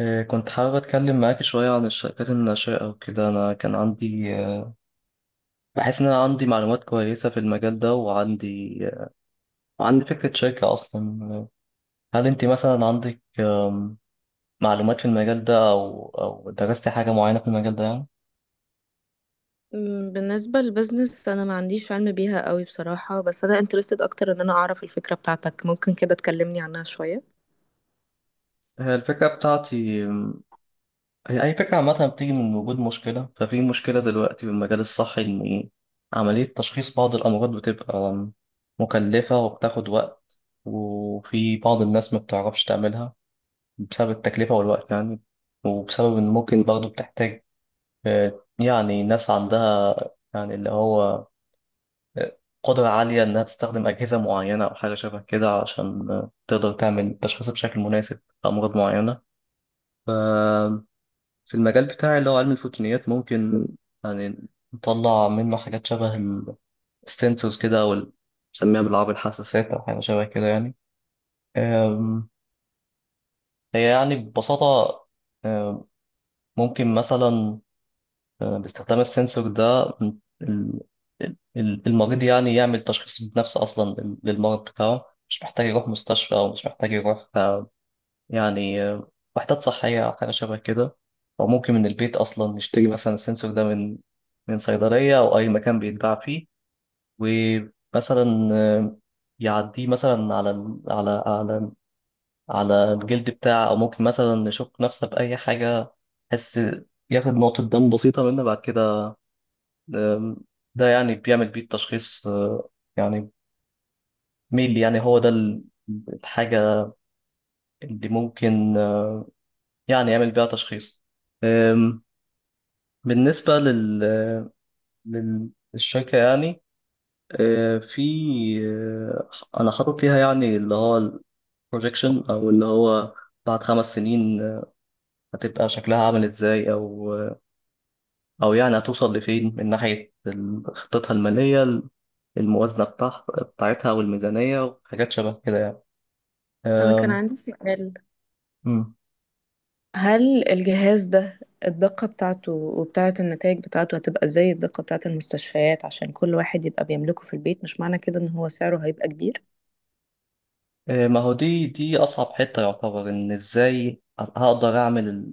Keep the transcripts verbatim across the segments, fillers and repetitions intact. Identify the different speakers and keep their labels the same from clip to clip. Speaker 1: آه، كنت حابب أتكلم معاك شوية عن الشركات الناشئة وكده. أنا كان عندي آه، بحس إن أنا عندي معلومات كويسة في المجال ده وعندي آه، وعندي فكرة شركة أصلا. هل أنت مثلا عندك آم، معلومات في المجال ده أو أو درستي حاجة معينة في المجال ده يعني؟
Speaker 2: أمم، بالنسبة للبزنس، أنا ما عنديش علم بيها قوي بصراحة، بس أنا interested أكتر إن أنا أعرف الفكرة بتاعتك. ممكن كده تكلمني عنها شوية.
Speaker 1: هي الفكرة بتاعتي آم، هي أي فكرة عامة بتيجي من وجود مشكلة. ففي مشكلة دلوقتي في المجال الصحي إن عملية تشخيص بعض الأمراض بتبقى آم، مكلفة وبتاخد وقت، وفي بعض الناس ما بتعرفش تعملها بسبب التكلفة والوقت يعني، وبسبب إن ممكن برضه بتحتاج آه، يعني ناس عندها يعني اللي هو آه، قدرة عالية إنها تستخدم أجهزة معينة أو حاجة شبه كده عشان آه، تقدر تعمل تشخيص بشكل مناسب لأمراض معينة. ف- في المجال بتاعي اللي هو علم الفوتونيات ممكن يعني نطلع منه حاجات شبه السنسورز كده، أو بنسميها بالعربي الحساسات أو حاجة شبه كده يعني. آم، هي يعني ببساطة آم، ممكن مثلا باستخدام السنسور ده ال- ال- المريض يعني يعمل تشخيص بنفسه أصلا للمرض بتاعه، مش محتاج يروح مستشفى أو مش محتاج يروح آه، يعني آه، وحدات صحية أو حاجة شبه كده، أو ممكن من البيت أصلا نشتري مثلا السنسور ده من من صيدلية أو أي مكان بيتباع فيه. ومثلا آه، يعديه مثلا على ال- على على على الجلد بتاعه، أو ممكن مثلا نشك نفسه بأي حاجة بس ياخد نقطة دم بسيطة منه بعد كده. آم، ده يعني بيعمل بيه التشخيص. آه، يعني ميلي يعني هو ده ال- الحاجة اللي ممكن آه، يعني يعمل بيها تشخيص. آم، بالنسبة لل آه، لل- للشركة يعني آه، في آه، أنا حاطط ليها يعني اللي هو البروجيكشن، أو اللي هو بعد خمس سنين آه، هتبقى شكلها عامل إزاي، أو آه، أو يعني هتوصل لفين من ناحية ال- خطتها المالية، الموازنة بتاع- بتاعتها والميزانية وحاجات شبه كده يعني.
Speaker 2: أنا كان
Speaker 1: أم،
Speaker 2: عندي سؤال:
Speaker 1: مم.
Speaker 2: هل الجهاز ده الدقة بتاعته وبتاعة النتائج بتاعته هتبقى زي الدقة بتاعة المستشفيات؟ عشان كل واحد يبقى بيملكه في البيت، مش معنى كده إن هو سعره هيبقى كبير؟
Speaker 1: إيه، ما هو دي دي أصعب حتة، يعتبر إن إزاي هقدر أعمل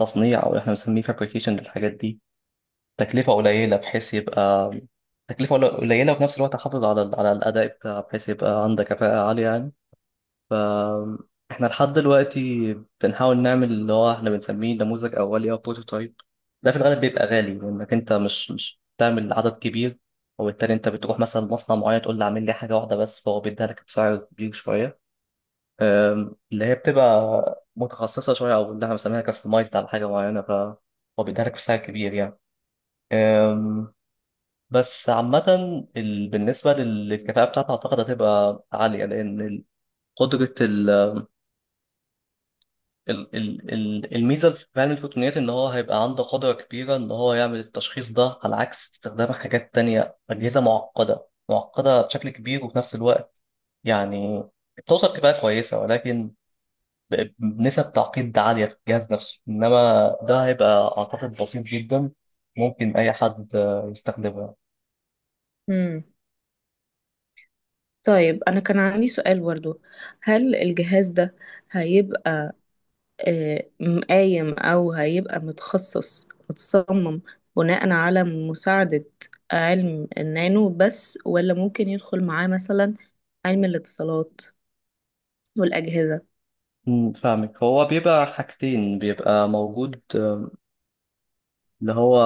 Speaker 1: التصنيع، أو إحنا بنسميه فابريكيشن، للحاجات دي تكلفة قليلة، بحيث يبقى تكلفة قليلة وفي نفس الوقت أحافظ على ال- على الأداء بتاعها، بحيث يبقى عندك كفاءة عالية يعني. فاحنا لحد دلوقتي بنحاول نعمل اللي هو احنا بنسميه نموذج اولي او بروتوتايب. ده في الغالب بيبقى غالي لانك انت مش مش بتعمل عدد كبير، وبالتالي انت بتروح مثلا مصنع معين تقول له اعمل لي حاجه واحده بس، فهو بيديها لك بسعر كبير شويه. أم، اللي هي بتبقى متخصصه شويه، او اللي احنا بنسميها كاستمايزد على حاجه معينه، فهو بيديها لك بسعر كبير يعني. أم، بس عامة ال- بالنسبة لل- للكفاءة بتاعتها أعتقد هتبقى عالية، لأن قدرة ال- ال- ال- الميزة في علم الفوتونيات إن هو هيبقى عنده قدرة كبيرة إن هو يعمل التشخيص ده، على عكس استخدام حاجات تانية أجهزة معقدة معقدة بشكل كبير وفي نفس الوقت يعني بتوصل كفاءة كويسة، ولكن ب- بنسب تعقيد عالية في الجهاز نفسه. إنما ده هيبقى أعتقد بسيط جدا، ممكن أي حد آه، يستخدمه.
Speaker 2: امم طيب، أنا كان عندي سؤال برضو. هل الجهاز ده هيبقى آه، قايم أو هيبقى متخصص متصمم بناء على مساعدة علم النانو بس، ولا ممكن يدخل معاه مثلا علم الاتصالات والأجهزة؟
Speaker 1: مم، فاهمك، هو بيبقى حاجتين بيبقى موجود اللي هو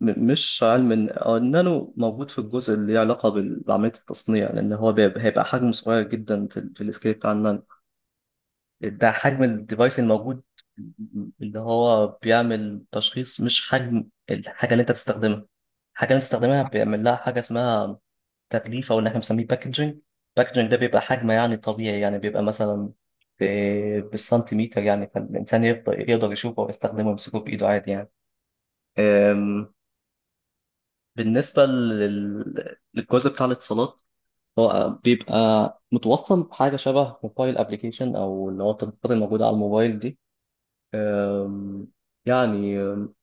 Speaker 1: م- مش علم الن- آه، النانو موجود في الجزء اللي ليه علاقة بال- بعملية التصنيع، لأن هو بيبقى- هيبقى حجمه صغير جدا في, ال- في السكيل بتاع النانو. ده حجم الديفايس الموجود اللي هو بيعمل تشخيص، مش حجم الحاجة اللي أنت تستخدمها الحاجة اللي أنت تستخدمها بيعمل لها حاجة اسمها تغليف، أو اللي احنا بنسميه باكجنج. باكجنج ده بيبقى حجم يعني طبيعي، يعني بيبقى مثلا ب- بالسنتيمتر يعني، فالإنسان يقدر يقدر يشوفه ويستخدمه ويمسكه بإيده عادي يعني. آمم بالنسبة لل- للجزء بتاع الاتصالات، هو بيبقى متوصل بحاجة شبه موبايل ابلكيشن، أو اللي هو التطبيقات الموجودة على الموبايل دي. أم، يعني أم،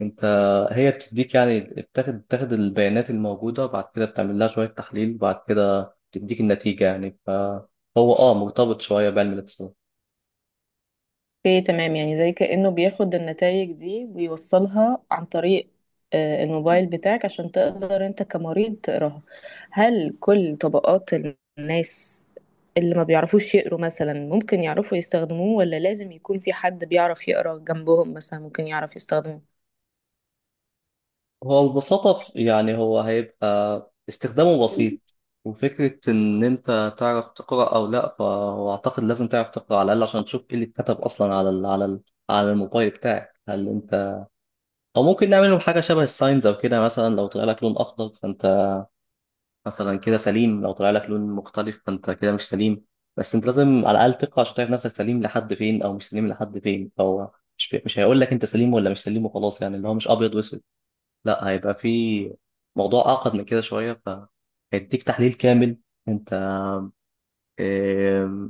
Speaker 1: أنت، هي بتديك يعني بتاخد بتاخد البيانات الموجودة، بعد كده بتعمل لها شوية تحليل، بعد كده تديك النتيجة يعني، فهو اه مرتبط شوية بعلم الاتصالات.
Speaker 2: اوكي، تمام. يعني زي كأنه بياخد النتائج دي ويوصلها عن طريق آه، الموبايل بتاعك، عشان تقدر انت كمريض تقراها. هل كل طبقات الناس اللي ما بيعرفوش يقروا مثلا ممكن يعرفوا يستخدموه، ولا لازم يكون في حد بيعرف يقرا جنبهم مثلا ممكن يعرف يستخدمه؟
Speaker 1: هو ببساطة ف- يعني هو هيبقى استخدامه بسيط، وفكرة إن أنت تعرف تقرأ أو لأ، فهو أعتقد لازم تعرف تقرأ على الأقل عشان تشوف إيه اللي اتكتب أصلا على ال على ال على الموبايل بتاعك. هل أنت أو ممكن نعمل لهم حاجة شبه الساينز أو كده، مثلا لو طلع لك لون أخضر فأنت مثلا كده سليم، لو طلع لك لون مختلف فأنت كده مش سليم. بس أنت لازم على الأقل تقرأ عشان تعرف نفسك سليم لحد فين أو مش سليم لحد فين، فهو مش مش هيقول لك أنت سليم ولا مش سليم وخلاص، يعني اللي هو مش أبيض وأسود، لا هيبقى في موضوع أعقد من كده شوية، فهيديك تحليل كامل. أنت آم،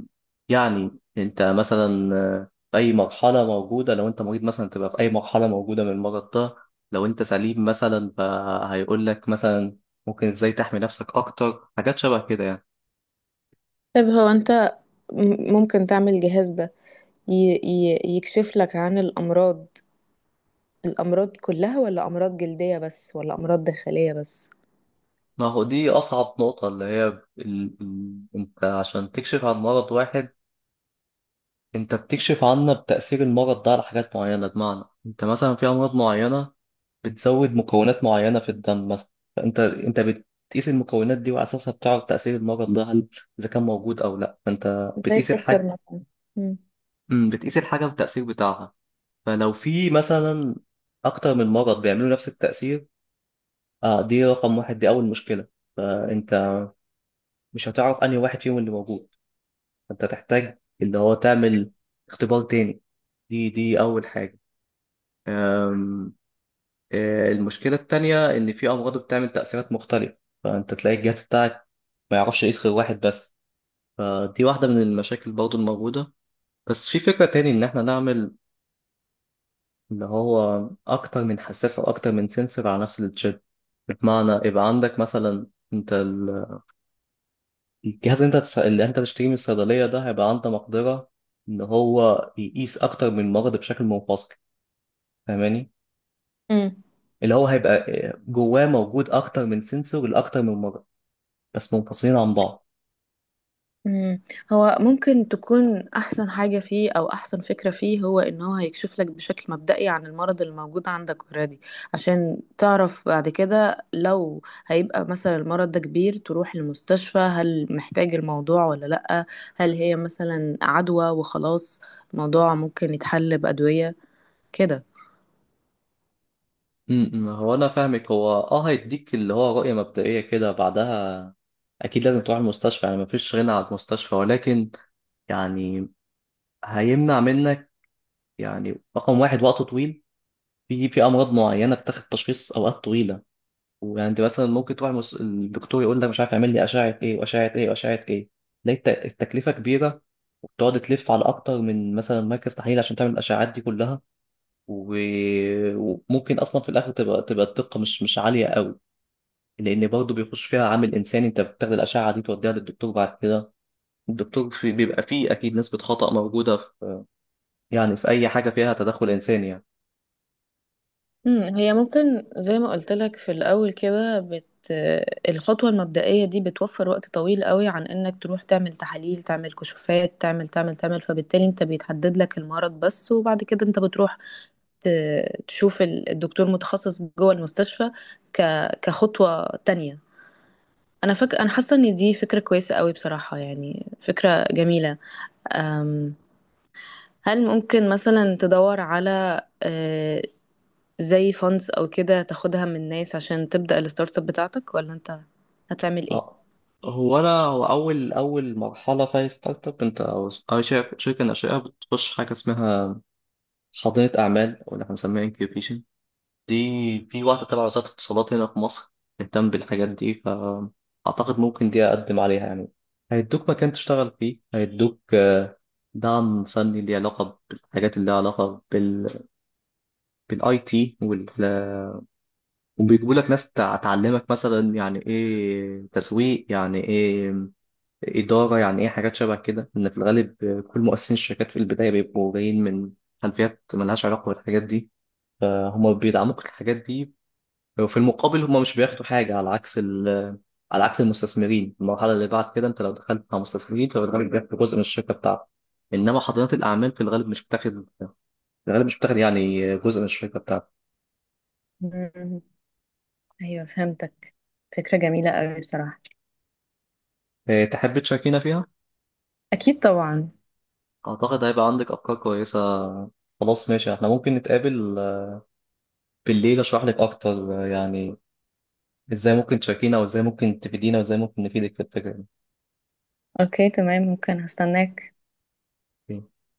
Speaker 1: يعني أنت مثلا آه، في أي مرحلة موجودة، لو أنت مريض مثلا تبقى في أي مرحلة موجودة من المرض ده، لو أنت سليم مثلا فهيقول لك مثلا ممكن إزاي تحمي نفسك أكتر، حاجات شبه كده يعني.
Speaker 2: طيب، هو انت م- ممكن تعمل الجهاز ده ي- ي- يكشف لك عن الأمراض الأمراض كلها، ولا أمراض جلدية بس، ولا أمراض داخلية بس؟
Speaker 1: ما هو دي أصعب نقطة، اللي هي ال... ال- أنت عشان تكشف عن مرض واحد، أنت بتكشف عنه بتأثير المرض ده على حاجات معينة، بمعنى أنت مثلا في أمراض معينة بتزود مكونات معينة في الدم مثلا، فأنت أنت بتقيس المكونات دي وعلى أساسها بتعرف تأثير المرض ده، هل إذا كان موجود أو لأ، فأنت
Speaker 2: زي
Speaker 1: بتقيس
Speaker 2: السكر
Speaker 1: الحاجة.
Speaker 2: مثلا.
Speaker 1: مم، بتقيس الحاجة والتأثير بتاعها. فلو في مثلا أكتر من مرض بيعملوا نفس التأثير، آه دي رقم واحد، دي أول مشكلة. فأنت مش هتعرف أنهي واحد فيهم اللي موجود، فأنت تحتاج اللي هو تعمل اختبار تاني. دي دي أول حاجة. أم، آه، المشكلة التانية إن في أمراض بتعمل تأثيرات مختلفة، فأنت تلاقي الجهاز بتاعك ما يعرفش يقيس غير واحد بس، فدي واحدة من المشاكل برضو الموجودة. بس في فكرة تاني إن إحنا نعمل اللي هو أكتر من حساس أو أكتر من سنسور على نفس التشيب، بمعنى يبقى عندك مثلا أنت ال- الجهاز اللي أنت هتس- اللي أنت تشتريه من الصيدلية ده هيبقى عنده مقدرة إن هو يقيس أكتر من مرض بشكل منفصل، فاهماني؟
Speaker 2: مم.
Speaker 1: اللي هو هيبقى جواه موجود أكتر من سنسور لأكتر من مرض، بس منفصلين عن بعض.
Speaker 2: مم. هو ممكن تكون أحسن حاجة فيه أو أحسن فكرة فيه، هو إن هو هيكشف لك بشكل مبدئي عن المرض اللي موجود عندك اوريدي، عشان تعرف بعد كده لو هيبقى مثلا المرض ده كبير تروح المستشفى هل محتاج الموضوع ولا لأ. هل هي مثلا عدوى وخلاص الموضوع ممكن يتحل بأدوية كده.
Speaker 1: امم، امم. هو انا فاهمك، هو اه هيديك اللي هو رؤية مبدئية كده، بعدها اكيد لازم تروح المستشفى، يعني مفيش غنى عن المستشفى، ولكن يعني هيمنع منك، يعني رقم واحد، وقت طويل. في في امراض معينة بتاخد تشخيص اوقات طويلة، ويعني انت مثلا ممكن تروح المس... الدكتور يقول لك مش عارف اعمل لي اشعة ايه واشعة ايه واشعة ايه، تلاقي الت- التكلفة كبيرة، وبتقعد تلف على اكتر من مثلا مركز تحليل عشان تعمل الاشعات دي كلها. و... وممكن اصلا في الاخر تبقى تبقى الدقة مش مش عالية قوي، لان برضه بيخش فيها عامل انساني، انت بتاخد الاشعه دي توديها للدكتور، بعد كده الدكتور في بيبقى فيه اكيد نسبه خطا موجوده في، يعني في اي حاجه فيها تدخل انساني يعني.
Speaker 2: مم، هي ممكن زي ما قلت لك في الأول كده بت... الخطوة المبدئية دي بتوفر وقت طويل قوي، عن إنك تروح تعمل تحاليل، تعمل كشوفات، تعمل تعمل تعمل. فبالتالي أنت بيتحدد لك المرض بس، وبعد كده أنت بتروح ت... تشوف ال- الدكتور متخصص جوه المستشفى ك... كخطوة تانية. أنا فك... أنا حاسة إن دي فكرة كويسة قوي بصراحة، يعني فكرة جميلة. أم... هل ممكن مثلا تدور على آه، زي funds او كده تاخدها من ناس عشان تبدأ الستارت اب بتاعتك، ولا انت هتعمل ايه؟
Speaker 1: اه هو انا هو اول اول مرحله في أي ستارت اب، انت او أي شركه شركة ناشئه بتخش حاجه اسمها حاضنه اعمال، او اللي احنا بنسميها انكيوبيشن. دي في واحده تبع وزاره الاتصالات هنا في مصر بتهتم بالحاجات دي، فاعتقد ممكن دي اقدم عليها يعني. هيدوك مكان تشتغل فيه، هيدوك دعم فني ليه علاقة بالحاجات اللي لها علاقة بال بالاي تي وال... وبيجيبوا لك ناس تع- تعلمك مثلا يعني ايه تسويق، يعني ايه إدارة، يعني ايه، حاجات شبه كده، إن في الغالب كل مؤسسين الشركات في البداية بيبقوا جايين من خلفيات ملهاش علاقة بالحاجات دي، فهم بيدعموك الحاجات دي. وفي المقابل هم مش بياخدوا حاجة، على عكس ال... على عكس المستثمرين. المرحلة اللي بعد كده انت لو دخلت مع مستثمرين فبالغالب بياخدوا جزء من الشركة بتاعتك، انما حاضنات الاعمال في الغالب مش بتاخد الغالب مش بتاخد يعني جزء من الشركة بتاعتك.
Speaker 2: مم. ايوه، فهمتك. فكرة جميلة قوي بصراحة.
Speaker 1: إيه، تحب تشاركينا فيها؟
Speaker 2: اكيد طبعا.
Speaker 1: أعتقد هيبقى عندك أفكار كويسة. خلاص ماشي، احنا ممكن نتقابل آه، بالليل أشرح لك أكتر آه، يعني إزاي ممكن تشاركينا وإزاي ممكن تفيدينا وإزاي ممكن نفيدك في الفكرة
Speaker 2: اوكي، تمام. ممكن هستناك.
Speaker 1: دي